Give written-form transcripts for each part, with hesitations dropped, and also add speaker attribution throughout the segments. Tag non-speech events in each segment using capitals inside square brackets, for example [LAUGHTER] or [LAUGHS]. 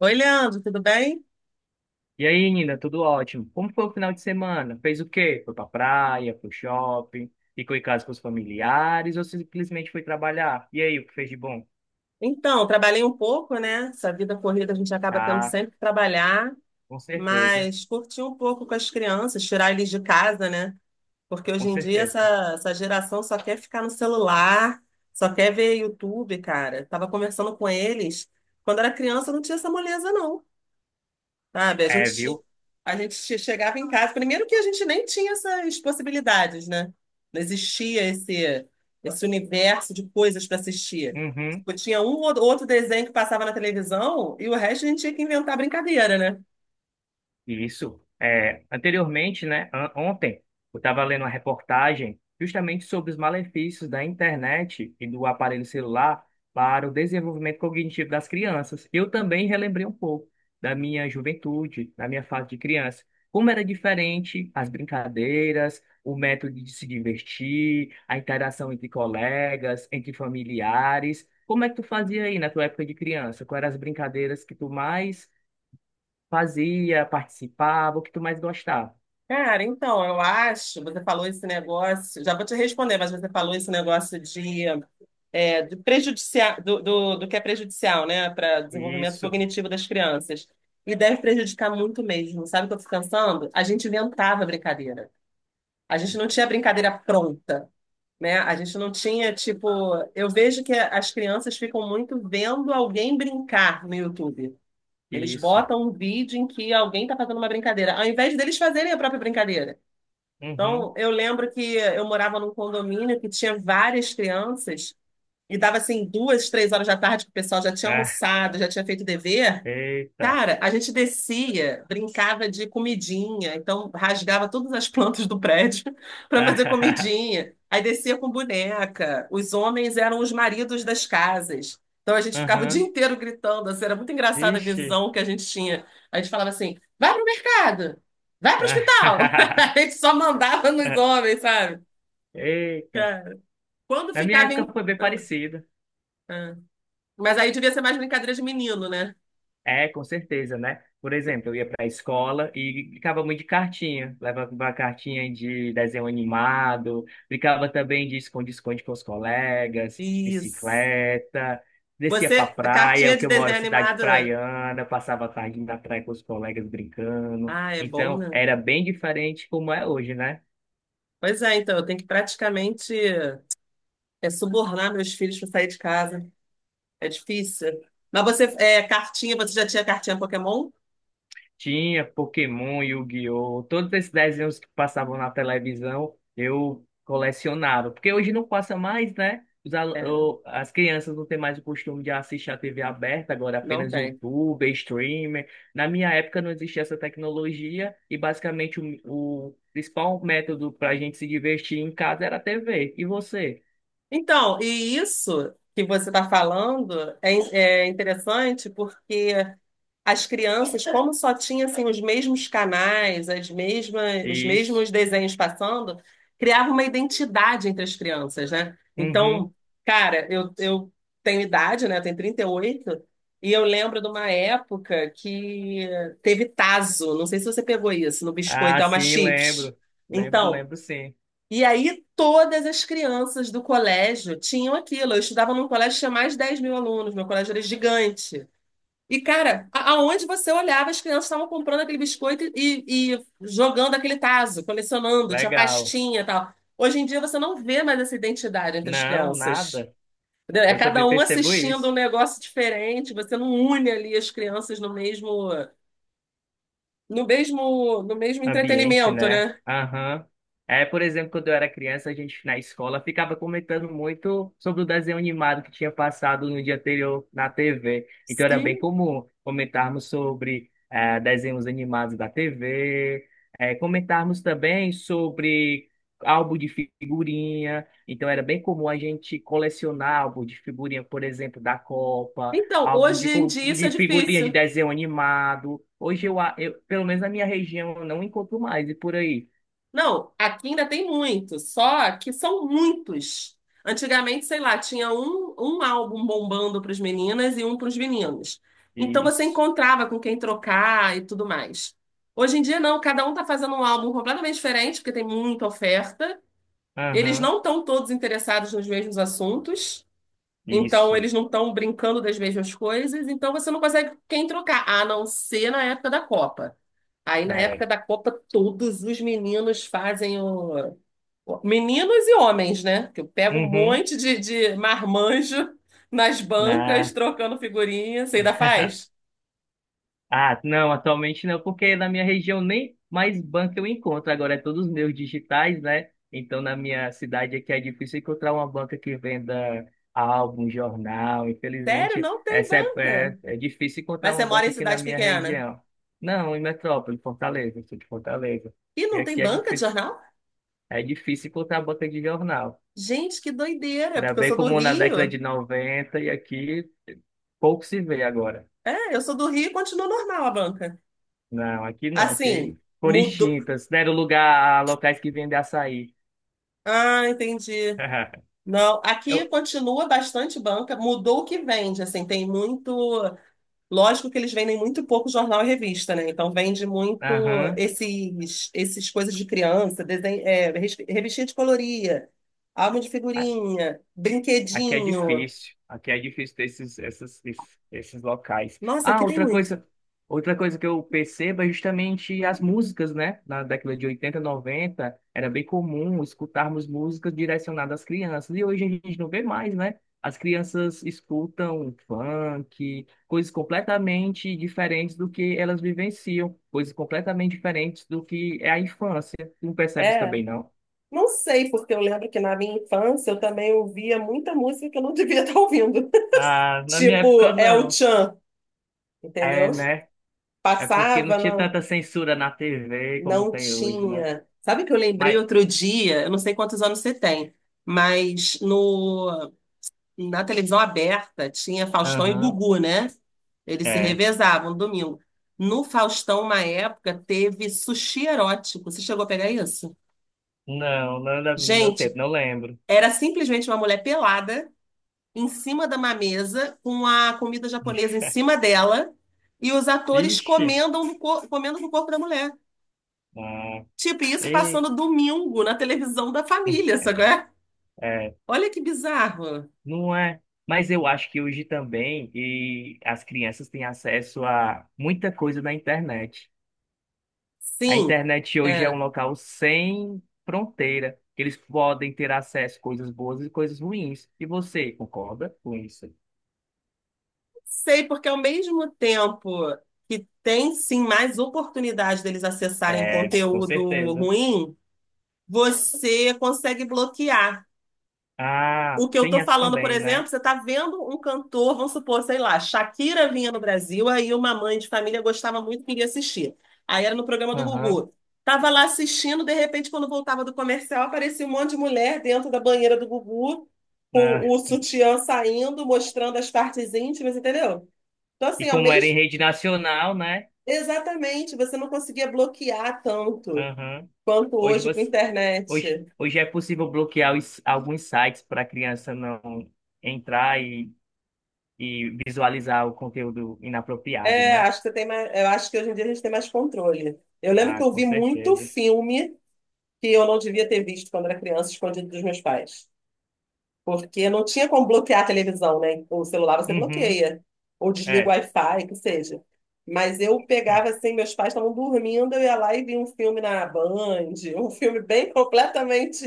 Speaker 1: Oi, Leandro, tudo bem?
Speaker 2: E aí, Nina, tudo ótimo? Como foi o final de semana? Fez o quê? Foi pra praia, pro shopping, ficou em casa com os familiares ou simplesmente foi trabalhar? E aí, o que fez de bom?
Speaker 1: Então, trabalhei um pouco, né? Essa vida corrida a gente acaba tendo
Speaker 2: Ah,
Speaker 1: sempre que trabalhar,
Speaker 2: com certeza,
Speaker 1: mas curti um pouco com as crianças, tirar eles de casa, né? Porque
Speaker 2: com
Speaker 1: hoje em dia
Speaker 2: certeza.
Speaker 1: essa geração só quer ficar no celular, só quer ver YouTube, cara. Tava conversando com eles. Quando era criança não tinha essa moleza, não. Sabe, a
Speaker 2: É,
Speaker 1: gente, ti-
Speaker 2: viu?
Speaker 1: a gente che- chegava em casa. Primeiro que a gente nem tinha essas possibilidades, né? Não existia esse universo de coisas para assistir.
Speaker 2: Uhum.
Speaker 1: Tipo, tinha um ou outro desenho que passava na televisão e o resto a gente tinha que inventar brincadeira, né?
Speaker 2: Isso. É, anteriormente, né, ontem, eu estava lendo uma reportagem justamente sobre os malefícios da internet e do aparelho celular para o desenvolvimento cognitivo das crianças. Eu também relembrei um pouco da minha juventude, da minha fase de criança. Como era diferente as brincadeiras, o método de se divertir, a interação entre colegas, entre familiares. Como é que tu fazia aí na tua época de criança? Quais eram as brincadeiras que tu mais fazia, participava, o que tu mais gostava.
Speaker 1: Cara, então, eu acho, você falou esse negócio, já vou te responder, mas você falou esse negócio de é, do, prejudicial, do, do, do que é prejudicial, né, para desenvolvimento
Speaker 2: Isso,
Speaker 1: cognitivo das crianças. E deve prejudicar muito mesmo. Sabe o que eu fico pensando? A gente inventava brincadeira. A gente não tinha brincadeira pronta, né? A gente não tinha, tipo. Eu vejo que as crianças ficam muito vendo alguém brincar no YouTube. Eles
Speaker 2: isso.
Speaker 1: botam um vídeo em que alguém está fazendo uma brincadeira, ao invés deles fazerem a própria brincadeira.
Speaker 2: Uhum.
Speaker 1: Então, eu lembro que eu morava num condomínio que tinha várias crianças. E dava assim duas, três horas da tarde que o pessoal já tinha
Speaker 2: Ah,
Speaker 1: almoçado, já tinha feito dever.
Speaker 2: eita.
Speaker 1: Cara, a gente descia, brincava de comidinha, então rasgava todas as plantas do prédio [LAUGHS] para fazer
Speaker 2: Ah,
Speaker 1: comidinha. Aí descia com boneca. Os homens eram os maridos das casas. Então a
Speaker 2: [LAUGHS]
Speaker 1: gente ficava o dia
Speaker 2: uhum.
Speaker 1: inteiro gritando, assim, era muito engraçada a
Speaker 2: Vixe.
Speaker 1: visão que a gente tinha. A gente falava assim: vai pro mercado, vai pro hospital. [LAUGHS]
Speaker 2: Ah,
Speaker 1: A gente só mandava nos
Speaker 2: [LAUGHS]
Speaker 1: homens, sabe?
Speaker 2: eita.
Speaker 1: Cara. Quando
Speaker 2: Na minha
Speaker 1: ficava
Speaker 2: época
Speaker 1: em.
Speaker 2: foi bem
Speaker 1: Ah,
Speaker 2: parecido.
Speaker 1: ah. Mas aí devia ser mais brincadeira de menino, né?
Speaker 2: É, com certeza, né? Por exemplo, eu ia para a escola e brincava muito de cartinha. Levava uma cartinha de desenho animado, brincava também de esconde-esconde com os colegas,
Speaker 1: Isso.
Speaker 2: bicicleta, descia para
Speaker 1: Você, a
Speaker 2: praia,
Speaker 1: cartinha de
Speaker 2: porque eu moro em
Speaker 1: desenho
Speaker 2: cidade
Speaker 1: animada.
Speaker 2: praiana, passava a tarde na praia com os colegas brincando.
Speaker 1: Ah, é bom,
Speaker 2: Então,
Speaker 1: né?
Speaker 2: era bem diferente como é hoje, né?
Speaker 1: Pois é, então, eu tenho que praticamente subornar meus filhos para sair de casa. É difícil. Mas você, cartinha, você já tinha cartinha Pokémon?
Speaker 2: Tinha Pokémon, Yu-Gi-Oh! Todos esses desenhos que passavam na televisão, eu colecionava. Porque hoje não passa mais, né? Os al-
Speaker 1: É,
Speaker 2: o- as crianças não têm mais o costume de assistir a TV aberta, agora
Speaker 1: não
Speaker 2: apenas
Speaker 1: tem.
Speaker 2: YouTube, streamer. Na minha época não existia essa tecnologia e basicamente o principal método para a gente se divertir em casa era a TV. E você?
Speaker 1: Então, e isso que você está falando é interessante porque as crianças, como só tinha assim, os mesmos canais, os mesmos
Speaker 2: Isso.
Speaker 1: desenhos passando, criava uma identidade entre as crianças, né?
Speaker 2: Uhum.
Speaker 1: Então, cara, eu tenho idade, né? Eu tenho 38, e eu lembro de uma época que teve taso não sei se você pegou isso, no
Speaker 2: Ah,
Speaker 1: biscoito, é uma
Speaker 2: sim,
Speaker 1: chips.
Speaker 2: lembro. Lembro,
Speaker 1: Então,
Speaker 2: lembro sim.
Speaker 1: e aí todas as crianças do colégio tinham aquilo. Eu estudava num colégio que tinha mais de 10 mil alunos, meu colégio era gigante. E, cara, aonde você olhava, as crianças estavam comprando aquele biscoito e jogando aquele tazo, colecionando, tinha
Speaker 2: Legal.
Speaker 1: pastinha e tal. Hoje em dia você não vê mais essa identidade entre as
Speaker 2: Não,
Speaker 1: crianças.
Speaker 2: nada.
Speaker 1: Entendeu? É
Speaker 2: Eu
Speaker 1: cada
Speaker 2: também
Speaker 1: um
Speaker 2: percebo
Speaker 1: assistindo um
Speaker 2: isso.
Speaker 1: negócio diferente, você não une ali as crianças no mesmo
Speaker 2: Ambiente,
Speaker 1: entretenimento,
Speaker 2: né?
Speaker 1: né?
Speaker 2: Aham. É, por exemplo, quando eu era criança, a gente na escola ficava comentando muito sobre o desenho animado que tinha passado no dia anterior na TV. Então era bem
Speaker 1: Sim.
Speaker 2: comum comentarmos sobre desenhos animados da TV, comentarmos também sobre álbum de figurinha. Então era bem comum a gente colecionar álbum de figurinha, por exemplo, da Copa.
Speaker 1: Então,
Speaker 2: Álbum
Speaker 1: hoje em dia isso é
Speaker 2: de figurinha de
Speaker 1: difícil.
Speaker 2: desenho animado. Hoje pelo menos na minha região, eu não encontro mais e por aí.
Speaker 1: Não, aqui ainda tem muitos, só que são muitos. Antigamente, sei lá, tinha um álbum bombando para as meninas e um para os meninos. Então você
Speaker 2: Isso.
Speaker 1: encontrava com quem trocar e tudo mais. Hoje em dia, não, cada um está fazendo um álbum completamente diferente, porque tem muita oferta. Eles
Speaker 2: Aham.
Speaker 1: não estão todos interessados nos mesmos assuntos, então
Speaker 2: Isso.
Speaker 1: eles não estão brincando das mesmas coisas, então você não consegue com quem trocar, a não ser na época da Copa. Aí na época
Speaker 2: É.
Speaker 1: da Copa, todos os meninos fazem o, meninos e homens, né? Que eu pego um
Speaker 2: Uhum.
Speaker 1: monte de marmanjo nas bancas,
Speaker 2: Na...
Speaker 1: trocando figurinha. Você ainda faz?
Speaker 2: Ah, não, atualmente não, porque na minha região nem mais banco eu encontro. Agora é todos meus digitais, né? Então na minha cidade aqui é difícil encontrar uma banca que venda álbum, jornal.
Speaker 1: Sério,
Speaker 2: Infelizmente,
Speaker 1: não tem banca.
Speaker 2: é difícil encontrar
Speaker 1: Mas você
Speaker 2: uma
Speaker 1: mora
Speaker 2: banca
Speaker 1: em
Speaker 2: aqui na
Speaker 1: cidade
Speaker 2: minha
Speaker 1: pequena.
Speaker 2: região. Não, em Metrópole, Fortaleza, sou de Fortaleza.
Speaker 1: E
Speaker 2: E
Speaker 1: não tem
Speaker 2: aqui
Speaker 1: banca de jornal?
Speaker 2: é difícil encontrar banca de jornal.
Speaker 1: Gente, que doideira,
Speaker 2: Era
Speaker 1: porque eu
Speaker 2: bem
Speaker 1: sou do
Speaker 2: comum na década
Speaker 1: Rio.
Speaker 2: de 90 e aqui pouco se vê agora.
Speaker 1: É, eu sou do Rio e continua normal a banca.
Speaker 2: Não, aqui não,
Speaker 1: Assim,
Speaker 2: aqui foram
Speaker 1: mudou.
Speaker 2: extintas, deram lugar a locais que vendem açaí.
Speaker 1: Ah, entendi.
Speaker 2: [LAUGHS]
Speaker 1: Não,
Speaker 2: Eu,
Speaker 1: aqui continua bastante banca, mudou o que vende, assim, tem muito. Lógico que eles vendem muito pouco jornal e revista, né? Então vende muito
Speaker 2: aham.
Speaker 1: esses coisas de criança, desenho, revistinha de colorir, álbum de figurinha,
Speaker 2: Aqui
Speaker 1: brinquedinho.
Speaker 2: aqui é difícil ter esses locais.
Speaker 1: Nossa,
Speaker 2: Ah,
Speaker 1: aqui tem muito.
Speaker 2: outra coisa que eu percebo é justamente as músicas, né? Na década de 80, 90, era bem comum escutarmos músicas direcionadas às crianças, e hoje a gente não vê mais, né? As crianças escutam funk, coisas completamente diferentes do que elas vivenciam, coisas completamente diferentes do que é a infância. Tu não percebes
Speaker 1: É,
Speaker 2: também, não?
Speaker 1: não sei, porque eu lembro que na minha infância eu também ouvia muita música que eu não devia [LAUGHS] estar ouvindo.
Speaker 2: Ah, na minha época
Speaker 1: Tipo,
Speaker 2: não.
Speaker 1: El-Chan,
Speaker 2: É,
Speaker 1: entendeu?
Speaker 2: né? É porque não
Speaker 1: Passava,
Speaker 2: tinha
Speaker 1: não,
Speaker 2: tanta censura na TV como
Speaker 1: não
Speaker 2: tem hoje, né?
Speaker 1: tinha. Sabe que eu lembrei
Speaker 2: Mas,
Speaker 1: outro dia, eu não sei quantos anos você tem, mas no Na televisão aberta tinha Faustão e
Speaker 2: aham,
Speaker 1: Gugu, né? Eles se
Speaker 2: é.
Speaker 1: revezavam domingo. No Faustão, uma época, teve sushi erótico. Você chegou a pegar isso?
Speaker 2: Não, não era no meu
Speaker 1: Gente,
Speaker 2: tempo, não lembro.
Speaker 1: era simplesmente uma mulher pelada em cima de uma mesa, com a comida japonesa em
Speaker 2: [LAUGHS]
Speaker 1: cima dela, e os atores
Speaker 2: Vixe,
Speaker 1: comendo, no cor- comendo com o corpo da mulher.
Speaker 2: ah,
Speaker 1: Tipo, isso
Speaker 2: e,
Speaker 1: passando domingo na televisão da família,
Speaker 2: [LAUGHS]
Speaker 1: sabe? É?
Speaker 2: é,
Speaker 1: Olha que bizarro.
Speaker 2: não é. Mas eu acho que hoje também e as crianças têm acesso a muita coisa na internet. A
Speaker 1: Sim.
Speaker 2: internet hoje é um
Speaker 1: É.
Speaker 2: local sem fronteira. Eles podem ter acesso a coisas boas e coisas ruins. E você concorda com isso?
Speaker 1: Sei, porque ao mesmo tempo que tem sim mais oportunidade deles acessarem
Speaker 2: É, com
Speaker 1: conteúdo
Speaker 2: certeza.
Speaker 1: ruim, você consegue bloquear.
Speaker 2: Ah,
Speaker 1: O que eu
Speaker 2: tem
Speaker 1: tô
Speaker 2: essa
Speaker 1: falando, por
Speaker 2: também,
Speaker 1: exemplo,
Speaker 2: né?
Speaker 1: você tá vendo um cantor, vamos supor, sei lá, Shakira vinha no Brasil, aí uma mãe de família gostava muito e queria assistir. Aí era no programa do
Speaker 2: Aham.
Speaker 1: Gugu. Tava lá assistindo, de repente, quando voltava do comercial, aparecia um monte de mulher dentro da banheira do Gugu, com
Speaker 2: Ah,
Speaker 1: o sutiã saindo, mostrando as partes íntimas, entendeu? Então,
Speaker 2: e
Speaker 1: assim, ao
Speaker 2: como era em
Speaker 1: mesmo
Speaker 2: rede nacional, né?
Speaker 1: exatamente, você não conseguia bloquear tanto
Speaker 2: Aham.
Speaker 1: quanto
Speaker 2: Hoje
Speaker 1: hoje com a
Speaker 2: você, hoje,
Speaker 1: internet.
Speaker 2: hoje é possível bloquear alguns sites para a criança não entrar e visualizar o conteúdo inapropriado,
Speaker 1: É,
Speaker 2: né?
Speaker 1: acho que você tem mais, eu acho que hoje em dia a gente tem mais controle. Eu lembro que
Speaker 2: Ah,
Speaker 1: eu
Speaker 2: com
Speaker 1: vi muito
Speaker 2: certeza.
Speaker 1: filme que eu não devia ter visto quando era criança, escondido dos meus pais. Porque não tinha como bloquear a televisão, né? O celular você
Speaker 2: Uhum.
Speaker 1: bloqueia, ou desliga o
Speaker 2: É.
Speaker 1: Wi-Fi, que seja. Mas eu pegava
Speaker 2: [LAUGHS]
Speaker 1: assim, meus pais estavam dormindo, eu ia lá e via um filme na Band, um filme bem completamente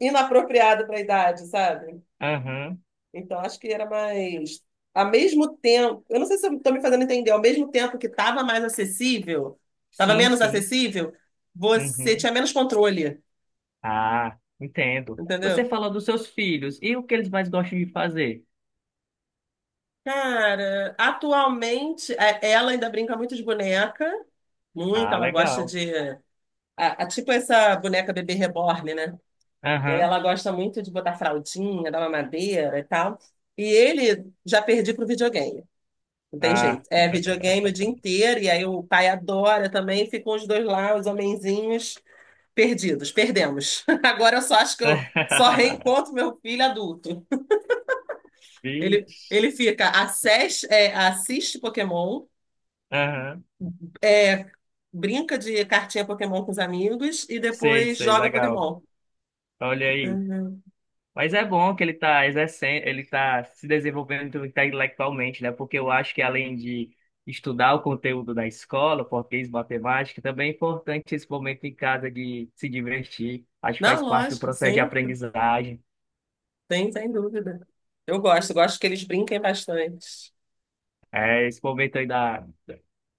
Speaker 1: inapropriado para a idade, sabe?
Speaker 2: Aham.
Speaker 1: Então, acho que era mais. Ao mesmo tempo, eu não sei se eu estou me fazendo entender, ao mesmo tempo que estava mais acessível, estava
Speaker 2: Sim,
Speaker 1: menos
Speaker 2: sim.
Speaker 1: acessível, você
Speaker 2: Uhum.
Speaker 1: tinha menos controle,
Speaker 2: Ah, entendo. Você
Speaker 1: entendeu?
Speaker 2: falou dos seus filhos e o que eles mais gostam de fazer?
Speaker 1: Cara, atualmente, ela ainda brinca muito de boneca, muito,
Speaker 2: Ah,
Speaker 1: ela gosta
Speaker 2: legal.
Speaker 1: de. Tipo essa boneca bebê reborn, né? E aí
Speaker 2: Aham.
Speaker 1: ela gosta muito de botar fraldinha, dar mamadeira e tal. E ele já perdi pro videogame. Não tem
Speaker 2: Ah.
Speaker 1: jeito. É videogame
Speaker 2: [LAUGHS]
Speaker 1: o dia inteiro, e aí o pai adora também, ficam os dois lá, os homenzinhos, perdidos, perdemos. [LAUGHS] Agora eu só acho que eu só
Speaker 2: [LAUGHS]
Speaker 1: reencontro meu filho adulto. Ele,
Speaker 2: Vixe.
Speaker 1: ele fica, assiste Pokémon,
Speaker 2: Aham.
Speaker 1: é, brinca de cartinha Pokémon com os amigos e
Speaker 2: Sei,
Speaker 1: depois
Speaker 2: sei,
Speaker 1: joga
Speaker 2: legal.
Speaker 1: Pokémon.
Speaker 2: Olha aí.
Speaker 1: Uhum.
Speaker 2: Mas é bom que ele tá exercendo, ele tá se desenvolvendo intelectualmente, né? Porque eu acho que além de estudar o conteúdo da escola, português, matemática, também é importante esse momento em casa de se divertir. Acho que
Speaker 1: Não,
Speaker 2: faz parte do
Speaker 1: lógico,
Speaker 2: processo de
Speaker 1: sem,
Speaker 2: aprendizagem.
Speaker 1: sem, sem dúvida. Eu gosto que eles brinquem bastante.
Speaker 2: É, esse momento aí da,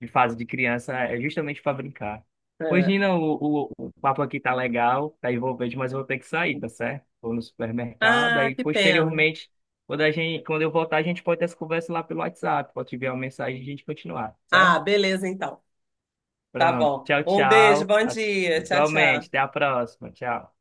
Speaker 2: de fase de criança é justamente para brincar. Pois,
Speaker 1: É.
Speaker 2: Nina, o papo aqui tá legal, tá envolvente, mas eu vou ter que sair, tá certo? Vou no supermercado,
Speaker 1: Ah,
Speaker 2: aí
Speaker 1: que pena.
Speaker 2: posteriormente, quando eu voltar, a gente pode ter essa conversa lá pelo WhatsApp, pode enviar uma mensagem e a gente continuar, tá
Speaker 1: Ah,
Speaker 2: certo?
Speaker 1: beleza então. Tá
Speaker 2: Pronto,
Speaker 1: bom.
Speaker 2: tchau,
Speaker 1: Um beijo,
Speaker 2: tchau.
Speaker 1: bom
Speaker 2: A-
Speaker 1: dia. Tchau,
Speaker 2: Igualmente, até
Speaker 1: tchau.
Speaker 2: a próxima, tchau.